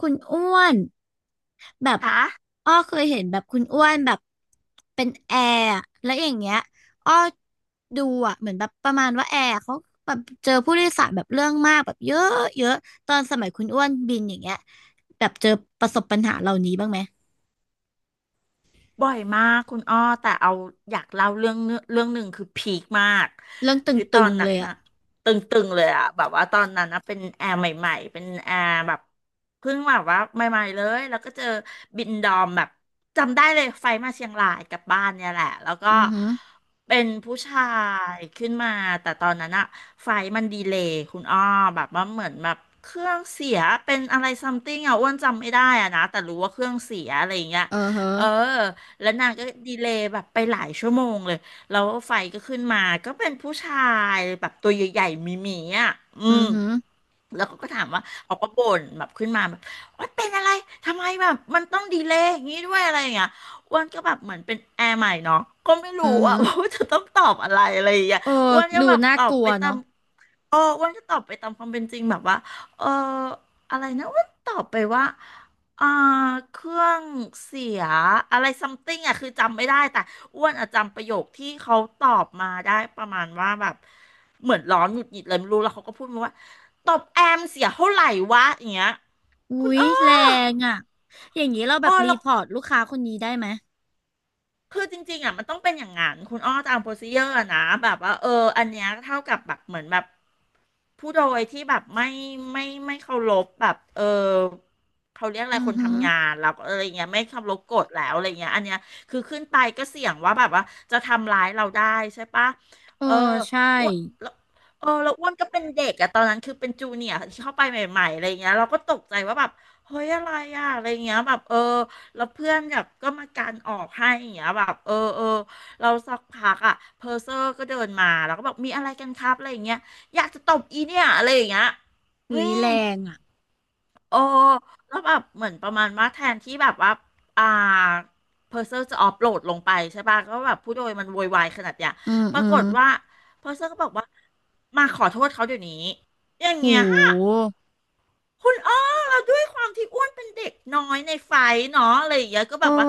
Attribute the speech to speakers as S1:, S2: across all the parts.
S1: คุณอ้วนแบบ
S2: คะ
S1: อ้อเคยเห็นแบบคุณอ้วนแบบเป็นแอร์อะแล้วอย่างเงี้ยอ้อดูอ่ะเหมือนแบบประมาณว่าแอร์เขาแบบเจอผู้โดยสารแบบเรื่องมากแบบเยอะเยอะตอนสมัยคุณอ้วนบินอย่างเงี้ยแบบเจอประสบปัญหาเหล่านี้บ้างไหม
S2: บ่อยมากคุณอ้อแต่เอาอยากเล่าเรื่องเนื้อเรื่องหนึ่งคือพีคมาก
S1: เรื่องต
S2: คือตอ
S1: ึง
S2: น
S1: ๆ
S2: นั้
S1: เล
S2: น
S1: ยอ่ะ
S2: นะตึงๆเลยอะแบบว่าตอนนั้นนะเป็นแอร์ใหม่ๆเป็นแอร์แบบเพิ่งแบบว่าใหม่ๆเลยแล้วก็เจอบินดอมแบบจำได้เลยไฟมาเชียงรายกลับบ้านเนี่ยแหละแล้วก็
S1: อือหึ
S2: เป็นผู้ชายขึ้นมาแต่ตอนนั้นอะไฟมันดีเลย์คุณอ้อแบบว่าเหมือนแบบเครื่องเสียเป็นอะไรซัมติงอะอ้วนจำไม่ได้อะนะแต่รู้ว่าเครื่องเสียอะไรอย่างเงี้ย
S1: เออฮะ
S2: เออ แล้วนางก็ดีเลย์แบบไปหลายชั่วโมงเลยแล้วไฟก็ขึ้นมาก็เป็นผู้ชายแบบตัวใหญ่ๆมีหมีๆอ่ะอื
S1: อื
S2: ม
S1: อหึอ
S2: แล้วเขาก็ถามว่าเขาก็บ่นแบบขึ้นมาแบบว่าเป็นอะไรทำไมแบบมันต้องดีเลย์อย่างนี้ด้วยอะไรอย่างเงี้ยอ้วนก็แบบเหมือนเป็นแอร์ใหม่เนาะก็ไม่รู้
S1: ือหึ
S2: อะ ว่าจะต้องตอบอะไรอะไรอย่างเงี้ย
S1: เออ
S2: อ้วนก็
S1: ดู
S2: แบบ
S1: น่า
S2: ตอ
S1: ก
S2: บ
S1: ลัว
S2: ไปตาม
S1: เนาะ
S2: เอออ้วนก็ตอบไปตามความเป็นจริงแบบว่าเอออะไรนะอ้วนตอบไปว่า อ่าเครื่องเสียอะไรซัมติงอ่ะคือจำไม่ได้แต่อ้วนอ่ะจำประโยคที่เขาตอบมาได้ประมาณว่าแบบเหมือนร้อนหงุดหงิดเลยไม่รู้แล้วเขาก็พูดมาว่าตบแอมเสียเท่าไหร่วะอย่างเงี้ย
S1: อุ๊
S2: คุณ
S1: ย
S2: อ้อ
S1: แรงอ่ะอย่างนี้เราแบ
S2: อ๋อ
S1: บรี
S2: แล้ว
S1: พอร์ตลูกค้าคนนี้ได้ไหม
S2: คือจริงๆอ่ะมันต้องเป็นอย่างงั้นคุณอ้อตามโปรซีเจอร์นะแบบว่าเอออันเนี้ยเท่ากับแบบเหมือนแบบผู้โดยที่แบบไม่ไม่เคารพแบบเออเขาเรียกอะไร
S1: อือ
S2: คน
S1: หึ
S2: ทำงานแล้วก็อะไรเงี้ยไม่เคารพกฎแล้วอะไรเงี้ยอันเนี้ยคือขึ้นไปก็เสี่ยงว่าแบบว่าจะทำร้ายเราได้ใช่ปะ
S1: เอ
S2: เออ
S1: อใช่
S2: อ้วนแล้วเออแล้วอ้วนก็เป็นเด็กอะตอนนั้นคือเป็นจูเนียร์ที่เข้าไปใหม่ๆอะไรเงี้ยเราก็ตกใจว่าแบบเฮ้ยอะไรอะอะไรเงี้ยแบบเออ แล้วเพื่อนแบบก็มาการออกให้อย่างเงี้ยแบบเออเออเราสักพักอ่ะเพอร์เซอร์ก็เดินมาแล้วก็บอกมีอะไรกันครับอะไรอย่างเงี้ยอยากจะตบอีเนี่ยอะไรอย่างเงี้ยอื
S1: หุย
S2: ม
S1: แรงอ่ะ
S2: โอ้แล้วแบบเหมือนประมาณว่าแทนที่แบบว่าอ่าเพอร์เซอร์จะออฟโหลดลงไปใช่ป่ะก็แบบผู้โดยมันโวยวายขนาดเนี้ย
S1: อืม
S2: ป
S1: อื
S2: ราก
S1: ม
S2: ฏว่าเพอร์เซอร์ก็บอกว่ามาขอโทษเขาเดี๋ยวนี้อย่าง
S1: ห
S2: เงี้ย
S1: ู
S2: คุณอ้อเราด้วยความที่อ้วนเป็นเด็กน้อยในไฟเนาะอะไรอย่างเงี้ยก็แบ
S1: โอ้
S2: บว่า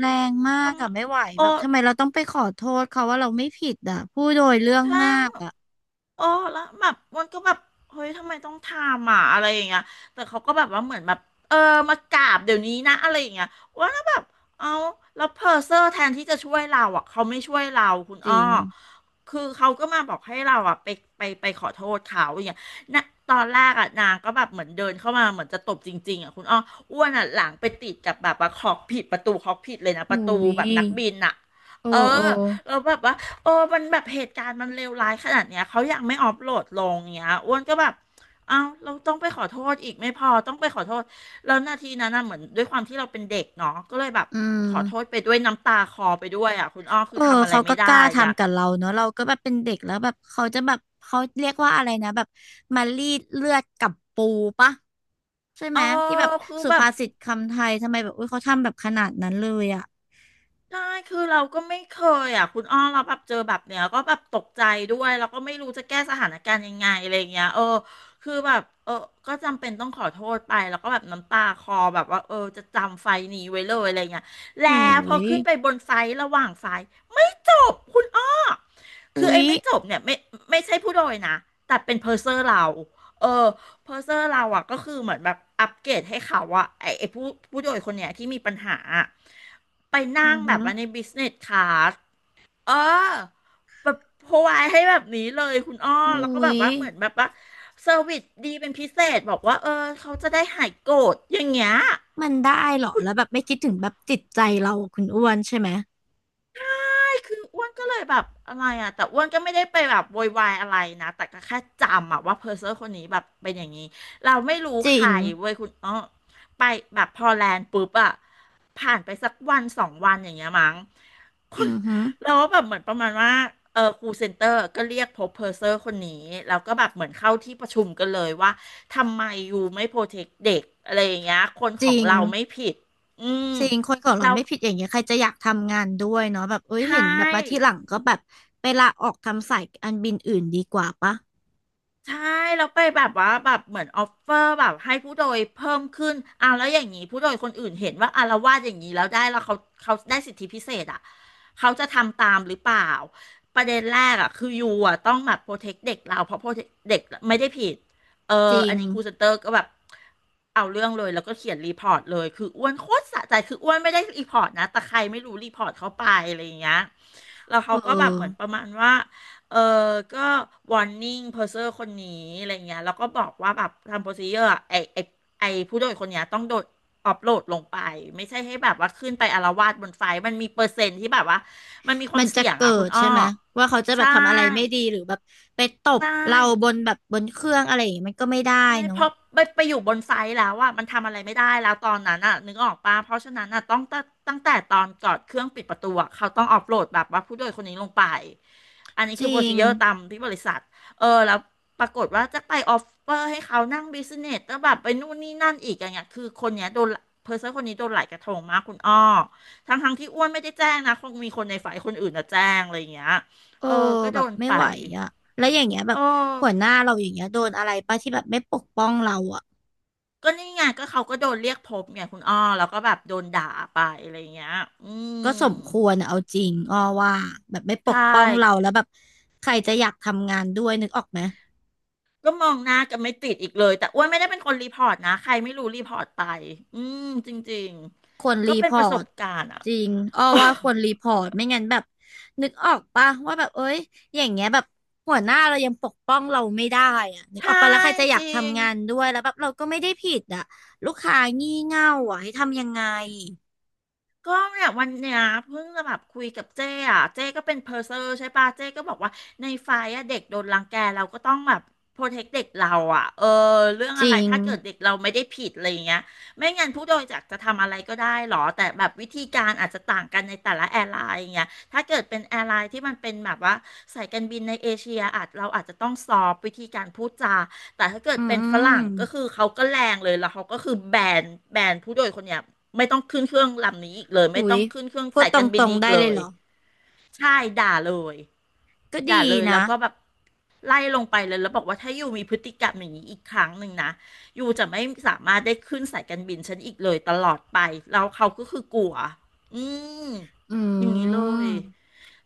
S1: แรงมา
S2: ท
S1: กอ่ะไม่ไหว
S2: ำโอ
S1: แบบทำไมเราต้องไปขอโทษเขาว่าเราไม่ผิดอ่ะผู้โดยเรื่อง
S2: ใช่
S1: มากอ่ะ
S2: โอ้แล้วแบบมันก็แบบเฮ้ยทำไมต้องทำอ่ะอะไรอย่างเงี้ยแต่เขาก็แบบว่าเหมือนแบบเออมากราบเดี๋ยวนี้นะอะไรอย่างเงี้ยว่าแล้วแบบเอาแล้วเพอร์เซอร์แทนที่จะช่วยเราอ่ะเขาไม่ช่วยเราคุณ
S1: จ
S2: อ้อ
S1: ริง
S2: คือเขาก็มาบอกให้เราอ่ะไปไปขอโทษเขาอย่างเงี้ยนะตอนแรกอ่ะนางก็แบบเหมือนเดินเข้ามาเหมือนจะตบจริงๆอ่ะคุณอ้ออ้วนอ่ะหลังไปติดกับแบบว่าขอบผิดประตูขอบผิดเลยนะป
S1: หุ
S2: ระตู
S1: ย
S2: แบบนักบินอ่ะ
S1: โอ้
S2: เออ
S1: โอ้
S2: แล้วแบบว่า เออมันแบบเหตุการณ์มันเลวร้ายขนาดเนี้ยเขายังไม่ออฟโหลดลงเนี้ยอ้วนก็แบบเอ้าเราต้องไปขอโทษอีกไม่พอต้องไปขอโทษแล้วนาทีนั้นน่ะเหมือนด้วยความที่เราเป็นเด็กเนาะก็เลยแบบ
S1: อื
S2: ขอโท
S1: ม
S2: ษไปด้วยน้ำตาคลอไปด้วยอ่ะคุณอ้อ
S1: เอ
S2: คือ
S1: อ
S2: ทำอะไร
S1: เขา
S2: ไม่
S1: ก็กล้า
S2: ได้อ่ะ
S1: ทำกับเราเนอะเราก็แบบเป็นเด็กแล้วแบบเขาจะแบบเขาเรียกว่าอะไรนะแบบมารีดเลือดกับปูปะใช่
S2: เอ
S1: ไหม
S2: อ
S1: ที่แบบ
S2: คือ
S1: สุ
S2: แบบ
S1: ภาษิตคำไทยทำไมแบบอุ้ยเขาทำแบบขนาดนั้นเลยอะ
S2: ใช่คือเราก็ไม่เคยอ่ะคุณอ้อเราแบบเจอแบบเนี้ยก็แบบตกใจด้วย แล้วก็ไม่รู้จะแก้สถานการณ์ยังไงอะไรเงี้ยเออ คือแบบเออก็จำเป็นต้องขอโทษไปแล้วก็แบบน้ำตาคลอแบบว่าเออจะจำไฟล์นี้ไว้เลยอะไรเงี้ยแล้
S1: ห
S2: วพ
S1: อ
S2: อ
S1: ย
S2: ขึ้นไปบนไฟล์ระหว่างไฟล์ จบคุณอ้อคือ
S1: อุ้
S2: ไอ้
S1: ย
S2: ไม่จบเนี่ยไม่ไม่ใช่ผู้โดยนะ แต่เป็นเพอร์เซอร์เรา เออเพอร์เซอร์เราอ่ะก็คือเหมือนแบบอัปเกรดให้เขาอ่ะไอ้ผู้โดยคนเนี้ยที่มีปัญหาอะไป
S1: อื
S2: นั่ง
S1: อ
S2: แบ
S1: ฮึ
S2: บว่าในบิสเนสคลาสเออแบบโพไวายให้แบบนี้เลยคุณอ้อ
S1: อุ้
S2: แล้วก็แบบ
S1: ย
S2: ว่าเหมือนแบบว่าเซอร์วิสดีเป็นพิเศษบอกว่าเออเขาจะได้หายโกรธอย่างเงี้ย
S1: มันได้เหรอ
S2: คุณ
S1: แล้วแบบไม่คิดถึงแบบจิตใจเราคุณอ้วนใช่ไหม
S2: คืออ้วนก็เลยแบบอะไรอ่ะแต่อ้วนก็ไม่ได้ไปแบบโวยวายอะไรนะแต่ก็แค่จำอ่ะว่าเพอร์เซอร์คนนี้แบบเป็นอย่างนี้เราไม่รู้
S1: จริ
S2: ใคร
S1: ง
S2: เว้ยคุณอ้อไปแบบพอแลนด์ปุ๊บอ่ะผ่านไปสักวันสองวันอย่างเงี้ยมั้งคุ
S1: อื
S2: ณ
S1: อหือ
S2: แล้วแบบเหมือนประมาณว่าครูเซ็นเตอร์ก็เรียกพบเพอร์เซอร์คนนี้แล้วก็แบบเหมือนเข้าที่ประชุมกันเลยว่าทำไมอยู่ไม่โปรเทคเด็กอะไรอย่างเงี้ยคน
S1: จ
S2: ของ
S1: ริง
S2: เราไม่ผิดอืม
S1: จริงคนของเรา
S2: เรา
S1: ไม่ผิดอย่างเงี้ยใครจะอยากทำงานด้วยเนาะแบบเอ้ย
S2: ใช
S1: เห็นแบบมาที่
S2: ่
S1: หลังก็แบบไปลาออกทำสายอันบินอื่นดีกว่าปะ
S2: ใช่แล้วไปแบบว่าแบบเหมือนออฟเฟอร์แบบให้ผู้โดยเพิ่มขึ้นอ่ะแล้วอย่างนี้ผู้โดยคนอื่นเห็นว่าอาละวาดอย่างนี้แล้วได้แล้วเขาเขาได้สิทธิพิเศษอ่ะเขาจะทำตามหรือเปล่าประเด็นแรกอ่ะคือยูอ่ะต้องแบบโปรเทคเด็กเราเพราะโปรเทเด็กไม่ได้ผิดเออ
S1: จริ
S2: อั
S1: ง
S2: นนี้ครูเซนเตอร์ก็แบบเอาเรื่องเลยแล้วก็เขียนรีพอร์ตเลยคืออ้วนโคตรสะใจคืออ้วนไม่ได้รีพอร์ตนะแต่ใครไม่รู้รีพอร์ตเขาไปอะไรอย่างเงี้ยแล้ว
S1: เอ
S2: เขาก็แบบเหมือนป
S1: อ
S2: ระมาณว่า เออ ก็วอร์นิ่งเพอร์เซอร์คนนี้อะไรเงี้ยแล้วก็บอกว่าแบบทำโปรซีเจอร์ไอผู้โดยคนเนี้ยต้องโดดอัปโหลดลงไปไม่ใช่ให้แบบว่าขึ้นไปอาละวาดบนไฟล์มันมีเปอร์เซ็นต์ที่แบบว่ามันมีควา
S1: มั
S2: ม
S1: นจะ
S2: เสี่ยง
S1: เกิ
S2: อ่ะคุณ
S1: ด
S2: อ้อ
S1: ใช่ไหมว่าเขาจะแบ
S2: ใช่
S1: บทำอะไรไม่ดีหรือแบบไปตบ
S2: ใช่
S1: เราบนแบบบนเครื่องอะไรอย่างเงี้ยมันก็ไม่ได้
S2: ไม่เพ
S1: เนาะ
S2: ราะไปอยู่บนไซต์แล้วอ่ะมันทำอะไรไม่ได้แล้วตอนนั้นอ่ะนึกออกปะเพราะฉะนั้นอ่ะต้องตั้งแต่ตอนก่อดเครื่องปิดประตูอะเขาต้องออฟโหลดแบบว่าผู้โดยคนนี้ลงไปอันนี้
S1: จ
S2: คือโป
S1: ริ
S2: รซี
S1: ง
S2: เจอร์ตามที่บริษัทแล้วปรากฏว่าจะไปออฟเฟอร์ให้เขานั่งบิสเนสแล้วแบบไปนู่นนี่นั่นอีกอย่างเงี้ยคือคนเนี้ยโดนเพอร์เซอร์คนนี้โดนหลายกระทงมากคุณอ้อทั้งที่อ้วนไม่ได้แจ้งนะคงมีคนในฝ่ายคนอื่นนะแจ้งอะไรอย่างเงี้ย
S1: เออ
S2: เออก็
S1: แบ
S2: โด
S1: บ
S2: น
S1: ไม่
S2: ไป
S1: ไหวอ่ะแล้วอย่างเงี้ยแบ
S2: เอ
S1: บ
S2: อ
S1: หัวหน้าเราอย่างเงี้ยโดนอะไรป่ะที่แบบไม่ปกป้องเราอ่ะ
S2: ก็นี่ไงก็เขาก็โดนเรียกพบไงคุณอ้อแล้วก็แบบโดนด่าไปอะไรเงี้ยอื
S1: ก็
S2: ม
S1: สมควรอะเอาจริงอ้อว่าแบบไม่ป
S2: ใช่
S1: กป้องเราแล้วแบบใครจะอยากทำงานด้วยนึกออกไหม
S2: ก็มองหน้ากันไม่ติดอีกเลยแต่อ้วนไม่ได้เป็นคนรีพอร์ตนะใครไม่รู้รีพอร์ตไปอืมจริง
S1: ควร
S2: ๆ
S1: รี
S2: ก็เป็
S1: พ
S2: น
S1: อ
S2: ประส
S1: ร์
S2: บ
S1: ต
S2: การณ์อ่ะ
S1: จริงอ้อว่าควรรีพอร์ตไม่งั้นแบบนึกออกป่ะว่าแบบเอ้ยอย่างเงี้ยแบบหัวหน้าเรายังปกป้องเราไม่ได้อ่ะ นึกออก
S2: ใช่
S1: ป่ะแล้วใครจะอยา
S2: จ
S1: ก
S2: ริง
S1: ทำงานด้วยแล้วแบบเราก็ไม่ได้ผิดอ่ะลูกค้างี่เง่าอ่ะให้ทำยังไง
S2: ก็เนี่ยวันเนี้ยเพิ่งจะแบบคุยกับเจ้อ่ะเจ้ก็เป็นเพอร์เซอร์ใช่ปะเจ้ก็บอกว่าในไฟอะเด็กโดนรังแกเราก็ต้องแบบโปรเทคเด็กเราอ่ะเออเรื่อง
S1: จ
S2: อะไร
S1: ริง
S2: ถ้าเกิดเด็กเราไม่ได้ผิดอะไรอย่างเงี้ยไม่งั้นผู้โดยสารจะทำอะไรก็ได้หรอแต่แบบวิธีการอาจจะต่างกันในแต่ละแอร์ไลน์อย่างเงี้ยถ้าเกิดเป็นแอร์ไลน์ที่มันเป็นแบบว่าสายการบินในเอเชียอาจเราอาจจะต้องซอฟวิธีการพูดจาแต่ถ้าเกิด
S1: อื
S2: เป็นฝรั่งก็คื
S1: ม
S2: อเขาก็แรงเลยแล้วเขาก็คือนแบนผู้โดยคนเนี้ย ไม่ต้องขึ้นเครื่องลำนี้อีกเลยไม่
S1: อุ๊
S2: ต้
S1: ย
S2: องขึ้นเครื่อง
S1: พูด
S2: สาย
S1: ต
S2: การบิน
S1: รง
S2: นี้
S1: ๆ
S2: อีก
S1: ได้
S2: เล
S1: เลย
S2: ย
S1: เหรอ
S2: ใช่ด่าเลย
S1: ก็
S2: ด่า
S1: ดี
S2: เลยแล้
S1: นะ
S2: วก็แบบไล่ลงไปเลยแล้วบอกว่าถ้าอยู่มีพฤติกรรมอย่างนี้อีกครั้งหนึ่งนะอยู่จะไม่สามารถได้ขึ้นสายการบินฉันอีกเลยตลอดไปแล้วเขาก็คือกลัวอืม
S1: อื
S2: อย่างนี้เล
S1: ม
S2: ย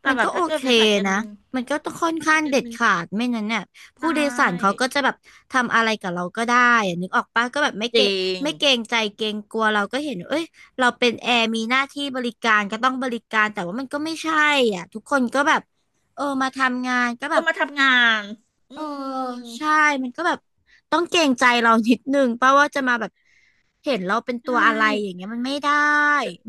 S2: แต่
S1: มัน
S2: แบ
S1: ก็
S2: บ
S1: โอ
S2: ถ้าเกิด
S1: เค
S2: เป็นสายการ
S1: นะ
S2: บิน
S1: มันก็ต้องค่อน
S2: ก็
S1: ข้า
S2: สาย
S1: ง
S2: การ
S1: เด็ด
S2: บิน
S1: ขาดไม่นั้นเนี่ย
S2: ใช
S1: ผู้โดยสารเขา
S2: ่
S1: ก็จะแบบทำอะไรกับเราก็ได้อะนึกออกปะก็แบบไม่
S2: จ
S1: เกร
S2: ริ
S1: ง
S2: ง
S1: ไม่เกรงใจเกรงกลัวเราก็เห็นว่าเอ้ยเราเป็นแอร์มีหน้าที่บริการก็ต้องบริการแต่ว่ามันก็ไม่ใช่อ่ะทุกคนก็แบบเออมาทำงานก็แบ
S2: ก็
S1: บ
S2: มาทำงานอื
S1: เออใช่
S2: ม
S1: มันก็แบบต้องเกรงใจเรานิดนึงป่ะว่าจะมาแบบ เห็นเราเป็นตั
S2: ใช่
S1: วอะไรอย่างเงี้ยมันไม่ได้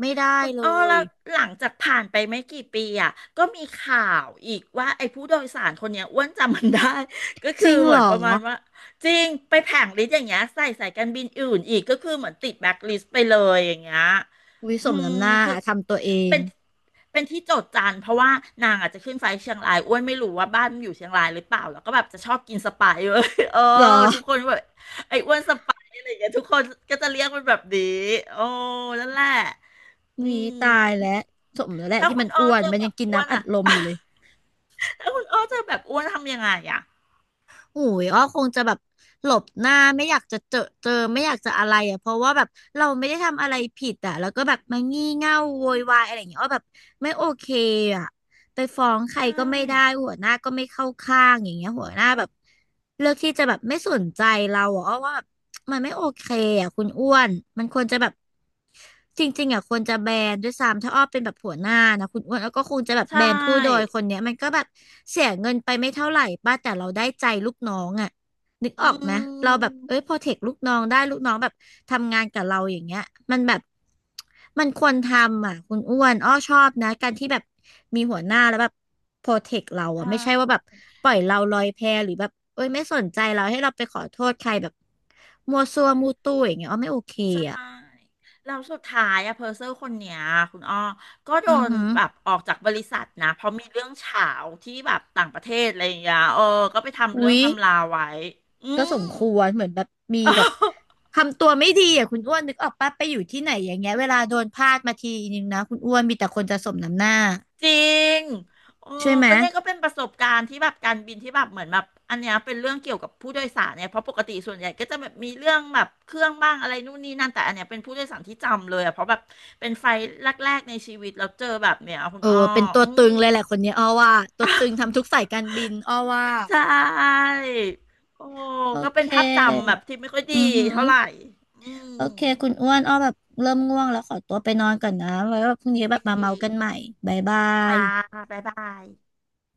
S1: ไม่ได้
S2: คุณ
S1: เล
S2: อ้อแล้
S1: ย
S2: วหลังจากผ่านไปไม่กี่ปีอ่ะก็มีข่าวอีกว่าไอ้ผู้โดยสารคนเนี้ยอ้วนจำมันได้ ก็
S1: จ
S2: คือ
S1: ริง
S2: เห
S1: เหร
S2: มือน
S1: อ
S2: ประมาณว่าจริงไปแผงลิสต์อย่างเงี้ยใส่สายการบินอื่นอีกก็คือเหมือนติดแบล็คลิสต์ไปเลยอย่างเงี้ย
S1: วิส
S2: อื
S1: ม
S2: ม
S1: น้ำหน้า
S2: คือ
S1: ทำตัวเอง
S2: เป็นเป็นที่โจษจันเพราะว่านางอาจจะขึ้นไฟล์เชียงรายอ้วนไม่รู้ว่าบ้านมันอยู่เชียงรายหรือเปล่าแล้วก็แบบจะชอบกินสไปซ์เว้ย เออ
S1: เหรอ
S2: ทุกคนแบบไอ้อ้วนสไปซ์อะไรอย่างเงี้ยทุกคนก็จะเรียกมันแบบนี้โอ้นั่นแหละ อื
S1: มีตายแล้ว
S2: ม
S1: สมแล้วแหละ
S2: ถ้า
S1: ที่
S2: คุ
S1: มัน
S2: ณอ้อ
S1: อ้วน
S2: เจอ
S1: มัน
S2: แบ
S1: ยัง
S2: บ
S1: กิน
S2: อ้วน
S1: น้ำอัด
S2: อ่ะ
S1: ลมอยู่เลย
S2: ถ้าคุณอ้อเจอแบบอ้วนทำยังไงอ่ะ
S1: หูยอ้อคงจะแบบหลบหน้าไม่อยากจะเจอไม่อยากจะอะไรอ่ะเพราะว่าแบบเราไม่ได้ทำอะไรผิดอ่ะแล้วก็แบบมางี่เง่าโวยวายอะไรอย่างเงี้ยอ้อแบบไม่โอเคอ่ะไปฟ้องใค
S2: ใช
S1: รก็ไม่ได้
S2: ่
S1: หัวหน้าก็ไม่เข้าข้างอย่างเงี้ยหัวหน้าแบบเลือกที่จะแบบไม่สนใจเราอ่ะอ้อว่าแบบมันไม่โอเคอ่ะคุณอ้วนมันควรจะแบบ จริงๆอ่ะควรจะแบนด้วยซ้ำถ้าอ้อเป็นแบบหัวหน้านะคุณอ้วนแล้วก็คงจะแบบ
S2: ใช
S1: แบนผู้โดย
S2: ่
S1: คนเนี้ยมันก็แบบเสียเงินไปไม่เท่าไหร่ป้าแต่เราได้ใจลูกน้องอ่ะนึกอ
S2: อื
S1: อกไหมเราแบบ
S2: ม
S1: เอ้ยโปรเทคลูกน้องได้ลูกน้องแบบทำงานกับเราอย่างเงี้ยมันแบบมันควรทำอ่ะคุณอ้วนอ้อชอบนะการที่แบบมีหัวหน้าแล้วแบบโปรเทคเราอ่ะไม่ใช่
S2: ใช่
S1: ว่าแบบปล่อยเราลอยแพหรือแบบเอ้ยไม่สนใจเราให้เราไปขอโทษใครแบบมัวซัวมูตู้อย่างเงี้ยอ้อไม่โอเคอ่ะ
S2: ใช่แล้วสุดท้ายอะเพอร์เซอร์คนเนี้ยคุณอ้อก็โด
S1: อือ
S2: น
S1: หือ
S2: แบบออกจากบริษัทนะเพราะมีเรื่องเฉาวที่แบบต่างประเทศอะไรอย่างเงี้ยเออก็ไปทำเรื่อ
S1: อุ๊
S2: ง
S1: ย
S2: ทำลาไว้อื
S1: ก็ส
S2: ม
S1: มควรเหมือนแบบมีแบบทำตัวไม่ดีอ่ะคุณอ้วนนึกออกปะไปอยู่ที่ไหนอย่างเงี้ยเวลาโดนพาดมาทีนึงนะคุณอ้วนมีแต่คนจะสมน้ำหน้า
S2: จริงโอ้
S1: ใช่ไหม
S2: ก็เนี่ยก็เป็นประสบการณ์ที่แบบการบินที่แบบเหมือนแบบอันเนี้ยเป็นเรื่องเกี่ยวกับผู้โดยสารเนี่ยเพราะปกติส่วนใหญ่ก็จะแบบมีเรื่องแบบเครื่องบ้างอะไรนู่นนี่นั่นแต่อันเนี้ยเป็นผู้โดยสารที่จำเลยอะเพราะแบบเป็นไฟล์แรกๆในชีวิตแล้วเจอแบบเนี้ยคุ
S1: เอ
S2: ณอ้
S1: อ
S2: อ
S1: เป็นตัว
S2: อื
S1: ตึง
S2: อ
S1: เลยแหละคนเนี้ยอ้อว่าตัวตึงทำทุกสาย การบินอ้อว่า
S2: ใช่โอ้
S1: โอ
S2: ก็เป็
S1: เค
S2: นภาพจำแบบที่ไม่ค่อย
S1: อื
S2: ดี
S1: อหือ
S2: เท่าไหร่อื
S1: โอ
S2: ม
S1: เคคุณอ้วนอ้อแบบเริ่มง่วงแล้วขอตัวไปนอนก่อนนะไว้ว่าพรุ่งนี้แบ
S2: โอ
S1: บ
S2: เค
S1: มาเมากันใหม่บ๊ายบา
S2: ค่ะ
S1: ย
S2: บ๊ายบาย